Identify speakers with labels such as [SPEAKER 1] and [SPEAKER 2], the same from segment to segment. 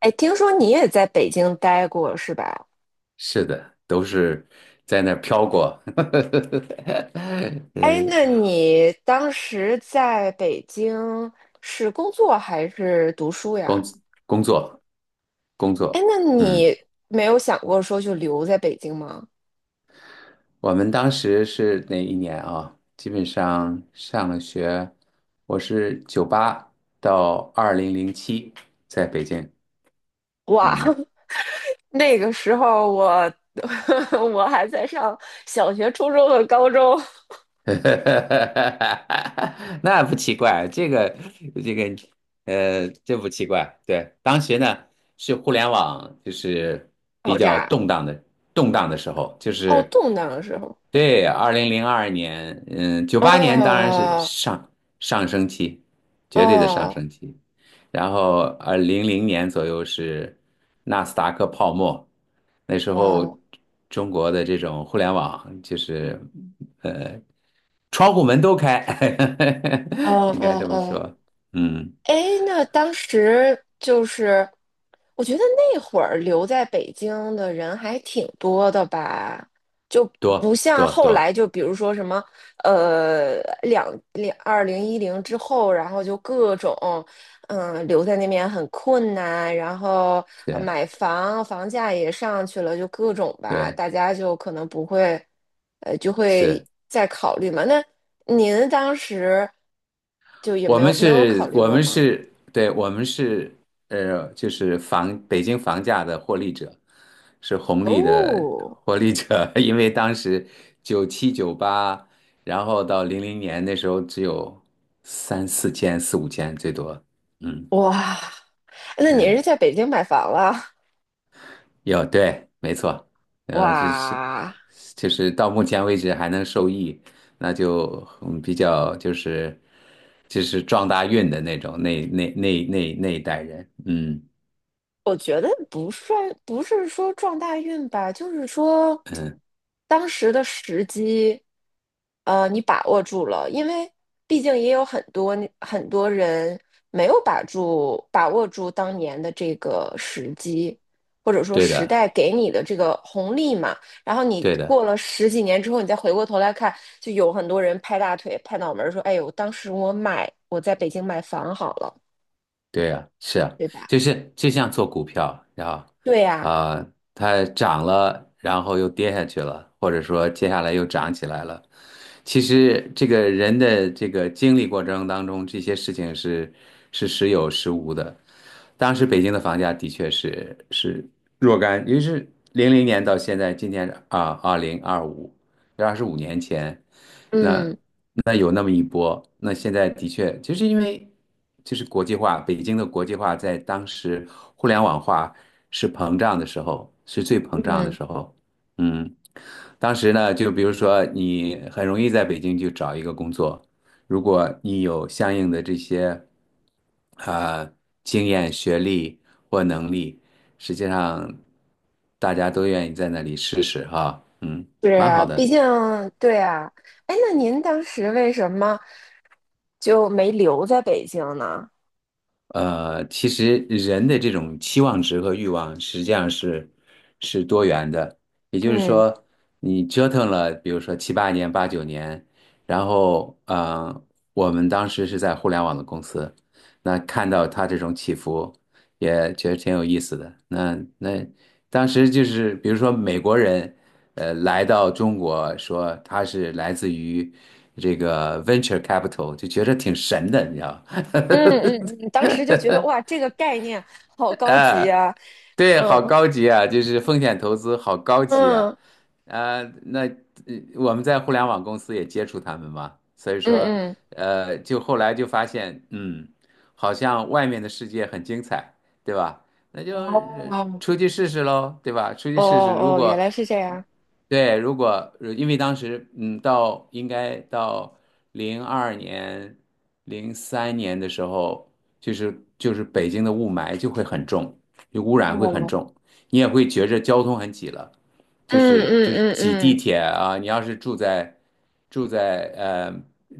[SPEAKER 1] 哎，听说你也在北京待过是吧？
[SPEAKER 2] 是的，都是在那儿飘过。
[SPEAKER 1] 哎，
[SPEAKER 2] 呃，
[SPEAKER 1] 那你当时在北京是工作还是读书
[SPEAKER 2] 工
[SPEAKER 1] 呀？
[SPEAKER 2] 工作工
[SPEAKER 1] 哎，
[SPEAKER 2] 作，
[SPEAKER 1] 那
[SPEAKER 2] 嗯，
[SPEAKER 1] 你没有想过说就留在北京吗？
[SPEAKER 2] 我们当时是哪一年啊？基本上上了学，我是九八到2007在北京，
[SPEAKER 1] 哇，
[SPEAKER 2] 嗯。
[SPEAKER 1] 那个时候我 我还在上小学、初中和高中。
[SPEAKER 2] 那不奇怪，这个这不奇怪。对，当时呢是互联网，就是比
[SPEAKER 1] 爆
[SPEAKER 2] 较
[SPEAKER 1] 炸。
[SPEAKER 2] 动荡的时候，就
[SPEAKER 1] 哦，
[SPEAKER 2] 是
[SPEAKER 1] 动荡的时候。
[SPEAKER 2] 对，2002年。嗯，1998年当然是
[SPEAKER 1] 哦
[SPEAKER 2] 上升期，绝对的上
[SPEAKER 1] 哦
[SPEAKER 2] 升期。然后零零年左右是纳斯达克泡沫，那时候
[SPEAKER 1] 哦
[SPEAKER 2] 中国的这种互联网就是窗户门都开，
[SPEAKER 1] 哦 哦
[SPEAKER 2] 应该这
[SPEAKER 1] 哦
[SPEAKER 2] 么
[SPEAKER 1] 哦。
[SPEAKER 2] 说。嗯，
[SPEAKER 1] 哎，那当时就是，我觉得那会儿留在北京的人还挺多的吧，就不
[SPEAKER 2] 多
[SPEAKER 1] 像
[SPEAKER 2] 多
[SPEAKER 1] 后来，
[SPEAKER 2] 多，
[SPEAKER 1] 就比如说什么，呃，两2010之后，然后就各种，留在那边很困难，然后
[SPEAKER 2] 是，
[SPEAKER 1] 买房，房价也上去了，就各种吧，
[SPEAKER 2] 对，
[SPEAKER 1] 大家就可能不会，就
[SPEAKER 2] 是
[SPEAKER 1] 会再考虑嘛。那您当时就也没有没有考虑过吗？
[SPEAKER 2] 我们是，就是房北京房价的获利者，是红利的
[SPEAKER 1] 哦。
[SPEAKER 2] 获利者。因为当时97、98，九八然后到零零年，那时候只有3、4千、4、5千最多。嗯，
[SPEAKER 1] 哇，那你是
[SPEAKER 2] 对。
[SPEAKER 1] 在北京买房了？
[SPEAKER 2] 有，对，没错，呃，就是
[SPEAKER 1] 哇，
[SPEAKER 2] 就是到目前为止还能受益，那就嗯比较，就是就是撞大运的那种那那那那那一代人。嗯
[SPEAKER 1] 我觉得不算，不是说撞大运吧，就是说
[SPEAKER 2] 嗯，
[SPEAKER 1] 当时的时机，你把握住了，因为毕竟也有很多很多人没有把握住当年的这个时机，或者说
[SPEAKER 2] 对
[SPEAKER 1] 时
[SPEAKER 2] 的，
[SPEAKER 1] 代给你的这个红利嘛。然后你
[SPEAKER 2] 对的，
[SPEAKER 1] 过了十几年之后，你再回过头来看，就有很多人拍大腿、拍脑门儿说："哎呦，当时我买，我在北京买房好了，
[SPEAKER 2] 对啊，是啊，
[SPEAKER 1] 对吧？"
[SPEAKER 2] 就是就像做股票，然后
[SPEAKER 1] 对呀，
[SPEAKER 2] 啊，它涨了，然后又跌下去了，或者说接下来又涨起来了。其实这个人的这个经历过程当中，这些事情是是时有时无的。当时北京的房价的确是若干，因为是零零年到现在，今年啊2025，25年前，那
[SPEAKER 1] 嗯
[SPEAKER 2] 那有那么一波。那现在的确就是因为就是国际化，北京的国际化在当时互联网化是膨胀的时候，是最膨胀的
[SPEAKER 1] 嗯。
[SPEAKER 2] 时候。嗯。当时呢，就比如说你很容易在北京就找一个工作，如果你有相应的这些啊经验、学历或能力，实际上大家都愿意在那里试试哈。嗯，
[SPEAKER 1] 是
[SPEAKER 2] 蛮好
[SPEAKER 1] 啊，毕
[SPEAKER 2] 的。
[SPEAKER 1] 竟对啊。哎，那您当时为什么就没留在北京呢？
[SPEAKER 2] 其实人的这种期望值和欲望实际上是多元的。也就是
[SPEAKER 1] 嗯
[SPEAKER 2] 说，你折腾了，比如说7、8年、8、9年，然后我们当时是在互联网的公司，那看到它这种起伏，也觉得挺有意思的。那当时就是，比如说美国人，来到中国说他是来自于这个 venture capital，就觉得挺神的，你知道吗？
[SPEAKER 1] 嗯嗯嗯，当时就 觉得哇，这个概念好高级
[SPEAKER 2] 哎，
[SPEAKER 1] 啊。
[SPEAKER 2] 对，好
[SPEAKER 1] 嗯
[SPEAKER 2] 高级啊，就是风险投资好高级啊。
[SPEAKER 1] 嗯
[SPEAKER 2] 啊、那呃我们在互联网公司也接触他们嘛。所以
[SPEAKER 1] 嗯
[SPEAKER 2] 说
[SPEAKER 1] 嗯。
[SPEAKER 2] 就后来就发现，嗯，好像外面的世界很精彩，对吧？那就
[SPEAKER 1] 哦
[SPEAKER 2] 出去试试喽，对吧？出去
[SPEAKER 1] 哦
[SPEAKER 2] 试试，如
[SPEAKER 1] 哦，原
[SPEAKER 2] 果
[SPEAKER 1] 来是这样。
[SPEAKER 2] 对，如果因为当时嗯，到应该到零二年、2003年的时候，就是北京的雾霾就会很重，污染会很
[SPEAKER 1] 哦，
[SPEAKER 2] 重，你也会觉着交通很挤了，就
[SPEAKER 1] 嗯
[SPEAKER 2] 是
[SPEAKER 1] 嗯
[SPEAKER 2] 就是
[SPEAKER 1] 嗯
[SPEAKER 2] 挤地
[SPEAKER 1] 嗯，
[SPEAKER 2] 铁啊。你要是住在住在呃，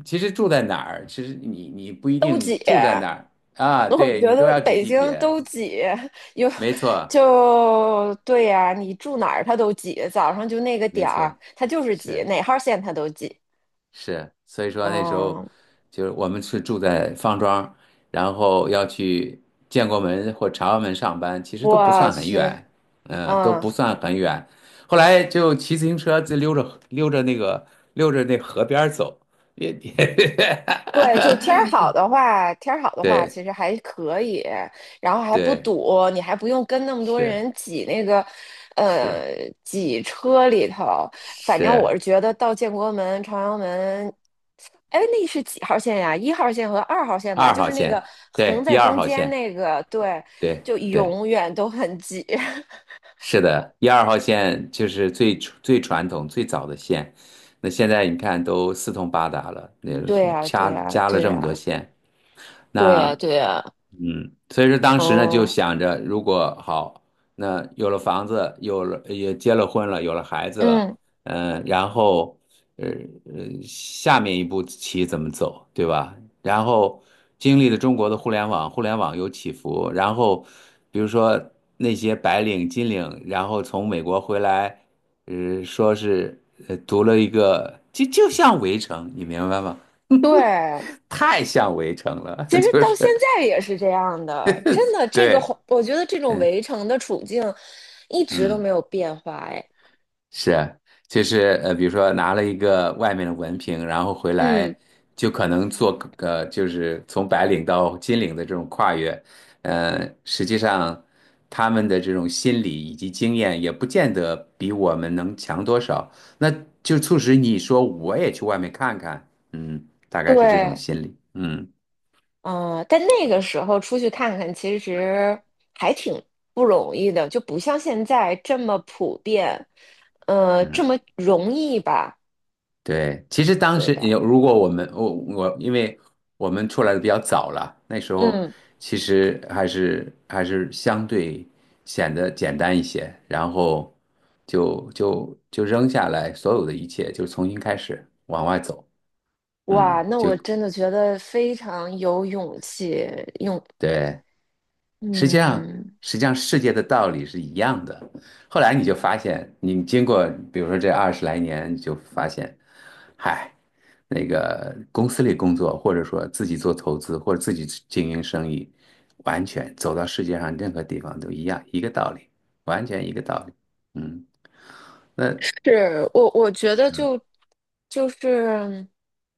[SPEAKER 2] 其实住在哪儿，其实你不一
[SPEAKER 1] 都
[SPEAKER 2] 定
[SPEAKER 1] 姐。
[SPEAKER 2] 住在哪儿啊，
[SPEAKER 1] 我
[SPEAKER 2] 对你
[SPEAKER 1] 觉
[SPEAKER 2] 都
[SPEAKER 1] 得
[SPEAKER 2] 要挤
[SPEAKER 1] 北
[SPEAKER 2] 地
[SPEAKER 1] 京
[SPEAKER 2] 铁。
[SPEAKER 1] 都挤，有
[SPEAKER 2] 没错
[SPEAKER 1] 就对呀、你住哪儿它都挤，早上就那个
[SPEAKER 2] 没
[SPEAKER 1] 点儿，
[SPEAKER 2] 错，
[SPEAKER 1] 它就是挤，
[SPEAKER 2] 是。
[SPEAKER 1] 哪号线它都挤。
[SPEAKER 2] 是，所以说那时候
[SPEAKER 1] 嗯，
[SPEAKER 2] 就是我们是住在方庄，然后要去建国门或朝阳门上班，其实都不
[SPEAKER 1] 我
[SPEAKER 2] 算很
[SPEAKER 1] 去。
[SPEAKER 2] 远。嗯，都
[SPEAKER 1] 嗯，
[SPEAKER 2] 不算很远。后来就骑自行车就溜着溜着溜着那河边儿走，也也。
[SPEAKER 1] 对，就天儿好的话，天儿好的话，
[SPEAKER 2] 对
[SPEAKER 1] 其实还可以，然后还不
[SPEAKER 2] 对，
[SPEAKER 1] 堵，你还不用跟那么多
[SPEAKER 2] 是
[SPEAKER 1] 人挤那个，
[SPEAKER 2] 是，
[SPEAKER 1] 呃，挤车里头。反正我
[SPEAKER 2] 是
[SPEAKER 1] 是觉得到建国门、朝阳门，哎，那是几号线呀？1号线和2号线吧，
[SPEAKER 2] 二
[SPEAKER 1] 就
[SPEAKER 2] 号
[SPEAKER 1] 是那个
[SPEAKER 2] 线，对
[SPEAKER 1] 横
[SPEAKER 2] 一
[SPEAKER 1] 在
[SPEAKER 2] 二
[SPEAKER 1] 中
[SPEAKER 2] 号
[SPEAKER 1] 间
[SPEAKER 2] 线，
[SPEAKER 1] 那个，对，
[SPEAKER 2] 对
[SPEAKER 1] 就
[SPEAKER 2] 对。
[SPEAKER 1] 永远都很挤。
[SPEAKER 2] 是的，一二号线就是最最传统、最早的线。那现在你看都四通八达了，那
[SPEAKER 1] 对
[SPEAKER 2] 是
[SPEAKER 1] 呀，对
[SPEAKER 2] 加
[SPEAKER 1] 呀，
[SPEAKER 2] 加了
[SPEAKER 1] 对
[SPEAKER 2] 这么多
[SPEAKER 1] 呀，
[SPEAKER 2] 线，
[SPEAKER 1] 对
[SPEAKER 2] 那
[SPEAKER 1] 呀，对呀。
[SPEAKER 2] 嗯。所以说当时呢就
[SPEAKER 1] 哦，
[SPEAKER 2] 想着，如果好，那有了房子，有了也结了婚了，有了孩子了，
[SPEAKER 1] 嗯，
[SPEAKER 2] 嗯。然后呃下面一步棋怎么走，对吧？然后经历了中国的互联网，互联网有起伏，然后比如说那些白领、金领，然后从美国回来，说是读了一个，就像《围城》，你明白吗？
[SPEAKER 1] 对，
[SPEAKER 2] 太像《围城》了，
[SPEAKER 1] 其实
[SPEAKER 2] 就
[SPEAKER 1] 到
[SPEAKER 2] 是
[SPEAKER 1] 现在也是这样的，真的，这个环
[SPEAKER 2] 对。
[SPEAKER 1] 我觉得这种
[SPEAKER 2] 嗯。
[SPEAKER 1] 围城的处境一直都
[SPEAKER 2] 嗯，
[SPEAKER 1] 没有变化。哎，
[SPEAKER 2] 是，就是比如说拿了一个外面的文凭，然后回
[SPEAKER 1] 嗯，
[SPEAKER 2] 来就可能做就是从白领到金领的这种跨越。实际上他们的这种心理以及经验也不见得比我们能强多少，那就促使你说我也去外面看看。嗯，大概是这种
[SPEAKER 1] 对，
[SPEAKER 2] 心理，嗯。
[SPEAKER 1] 嗯、但那个时候出去看看，其实还挺不容易的，就不像现在这么普遍，这么容易吧，
[SPEAKER 2] 对，其实当
[SPEAKER 1] 对
[SPEAKER 2] 时
[SPEAKER 1] 吧？
[SPEAKER 2] 有，如果我们因为我们出来的比较早了，那时候
[SPEAKER 1] 嗯，
[SPEAKER 2] 其实还是相对显得简单一些，然后就扔下来所有的一切，就重新开始往外走。
[SPEAKER 1] 哇，
[SPEAKER 2] 嗯，
[SPEAKER 1] 那
[SPEAKER 2] 就
[SPEAKER 1] 我真的觉得非常有勇气。用，
[SPEAKER 2] 对。实际上，
[SPEAKER 1] 嗯。
[SPEAKER 2] 实际上世界的道理是一样的。后来你就发现，你经过比如说这20来年，你就发现，嗨，那个公司里工作，或者说自己做投资，或者自己经营生意，完全走到世界上任何地方都一样，一个道理，完全一个道理。嗯，那
[SPEAKER 1] 是我，我觉得就是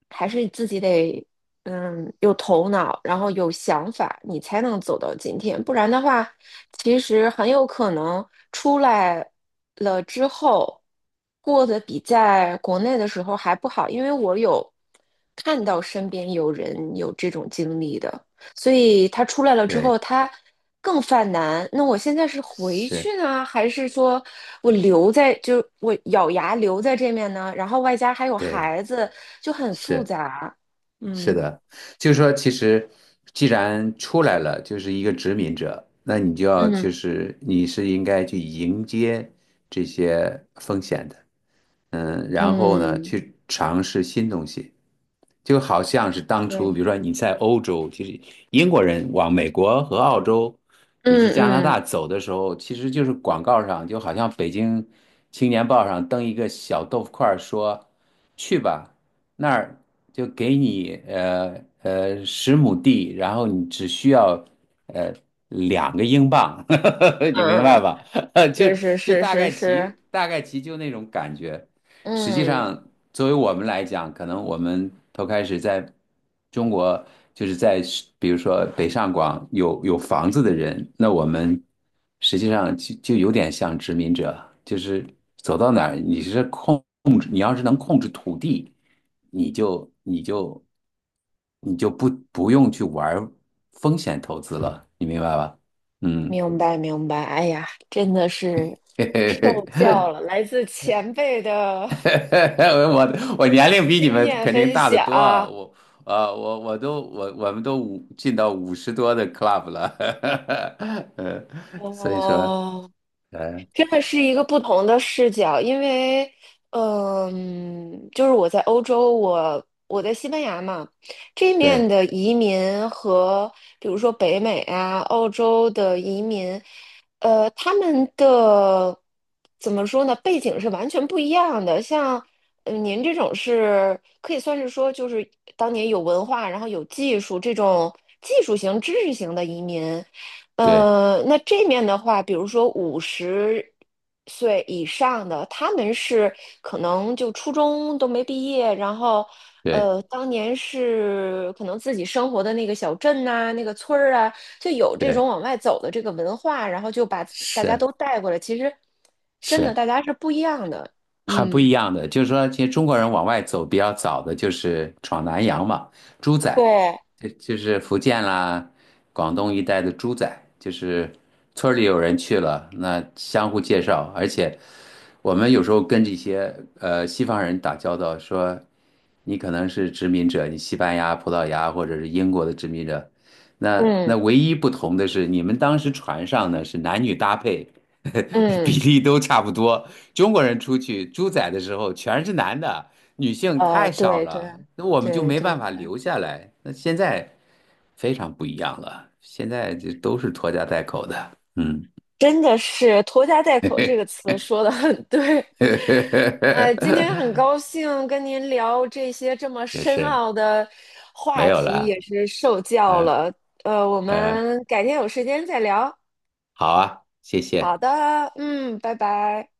[SPEAKER 1] 还是自己得有头脑，然后有想法，你才能走到今天。不然的话，其实很有可能出来了之后过得比在国内的时候还不好，因为我有看到身边有人有这种经历的。所以他出来了之后，
[SPEAKER 2] 对，
[SPEAKER 1] 他更犯难。那我现在是回
[SPEAKER 2] 是，
[SPEAKER 1] 去呢，还是说我留在，就我咬牙留在这面呢？然后外加还有
[SPEAKER 2] 对，
[SPEAKER 1] 孩子，就很复
[SPEAKER 2] 是。
[SPEAKER 1] 杂。
[SPEAKER 2] 是
[SPEAKER 1] 嗯
[SPEAKER 2] 的，就是说，其实既然出来了，就是一个殖民者，那你就要
[SPEAKER 1] 嗯
[SPEAKER 2] 就是你是应该去迎接这些风险的。嗯。然后呢，
[SPEAKER 1] 嗯，
[SPEAKER 2] 去尝试新东西，就好像是当初，
[SPEAKER 1] 对，
[SPEAKER 2] 比如说你在欧洲，其实英国人往美国和澳洲以
[SPEAKER 1] 嗯
[SPEAKER 2] 及加拿
[SPEAKER 1] 嗯
[SPEAKER 2] 大走的时候，其实就是广告上，就好像北京青年报上登一个小豆腐块儿说，去吧，那儿就给你10亩地，然后你只需要呃两个英镑。你明
[SPEAKER 1] 嗯
[SPEAKER 2] 白吧？就
[SPEAKER 1] 嗯，是
[SPEAKER 2] 就
[SPEAKER 1] 是是
[SPEAKER 2] 大
[SPEAKER 1] 是
[SPEAKER 2] 概
[SPEAKER 1] 是，
[SPEAKER 2] 其大概其就那种感觉。实际
[SPEAKER 1] 嗯，
[SPEAKER 2] 上，作为我们来讲，可能我们头开始在中国，就是在比如说北上广有房子的人，那我们实际上就有点像殖民者，就是走到哪儿，你是控制，你要是能控制土地，你就你就你就不用去玩风险投资了，你明白吧？嗯。
[SPEAKER 1] 明白明白。哎呀，真的是
[SPEAKER 2] 嘿嘿
[SPEAKER 1] 受教
[SPEAKER 2] 嘿，
[SPEAKER 1] 了，来自前辈 的
[SPEAKER 2] 我年龄比你
[SPEAKER 1] 经
[SPEAKER 2] 们
[SPEAKER 1] 验
[SPEAKER 2] 肯定
[SPEAKER 1] 分
[SPEAKER 2] 大得多啊。
[SPEAKER 1] 享。
[SPEAKER 2] 我们都五进到50多的 club 了，呃，所以说
[SPEAKER 1] 哦，
[SPEAKER 2] 嗯
[SPEAKER 1] 真的是一个不同的视角。因为，就是我在欧洲，我在西班牙嘛，这面
[SPEAKER 2] 对
[SPEAKER 1] 的移民和比如说北美啊、澳洲的移民，他们的怎么说呢？背景是完全不一样的。像，您这种是可以算是说，就是当年有文化，然后有技术这种技术型、知识型的移民。
[SPEAKER 2] 对
[SPEAKER 1] 那这面的话，比如说50岁以上的，他们是可能就初中都没毕业。然后，
[SPEAKER 2] 对
[SPEAKER 1] 当年是可能自己生活的那个小镇呐、那个村儿啊，就有这种
[SPEAKER 2] 对
[SPEAKER 1] 往外走的这个文化，然后就把大家
[SPEAKER 2] 是
[SPEAKER 1] 都带过来。其实，真的
[SPEAKER 2] 是。
[SPEAKER 1] 大家是不一样的。
[SPEAKER 2] 很不
[SPEAKER 1] 嗯，
[SPEAKER 2] 一样的。就是说，其实中国人往外走比较早的就是闯南洋嘛，猪仔，
[SPEAKER 1] 对，
[SPEAKER 2] 就是福建啦、广东一带的猪仔，就是村儿里有人去了，那相互介绍。而且我们有时候跟这些西方人打交道，说你可能是殖民者，你西班牙、葡萄牙或者是英国的殖民者，那
[SPEAKER 1] 嗯
[SPEAKER 2] 那唯一不同的是，你们当时船上呢是男女搭配。比
[SPEAKER 1] 嗯，
[SPEAKER 2] 例都差不多。中国人出去猪仔的时候全是男的，女性太少
[SPEAKER 1] 对对。
[SPEAKER 2] 了，那我们就
[SPEAKER 1] 对
[SPEAKER 2] 没
[SPEAKER 1] 对
[SPEAKER 2] 办法
[SPEAKER 1] 对，
[SPEAKER 2] 留下来。那现在非常不一样了，现在就都是拖家带口的，嗯。
[SPEAKER 1] 真的是"拖家带口"这个 词说的很对。哎，今天很高兴跟您聊这些这么
[SPEAKER 2] 也
[SPEAKER 1] 深
[SPEAKER 2] 是
[SPEAKER 1] 奥的
[SPEAKER 2] 没
[SPEAKER 1] 话
[SPEAKER 2] 有
[SPEAKER 1] 题，
[SPEAKER 2] 了。
[SPEAKER 1] 也是受教
[SPEAKER 2] 嗯
[SPEAKER 1] 了。我
[SPEAKER 2] 嗯，
[SPEAKER 1] 们改天有时间再聊。
[SPEAKER 2] 好啊，谢
[SPEAKER 1] 好
[SPEAKER 2] 谢。
[SPEAKER 1] 的，嗯，拜拜。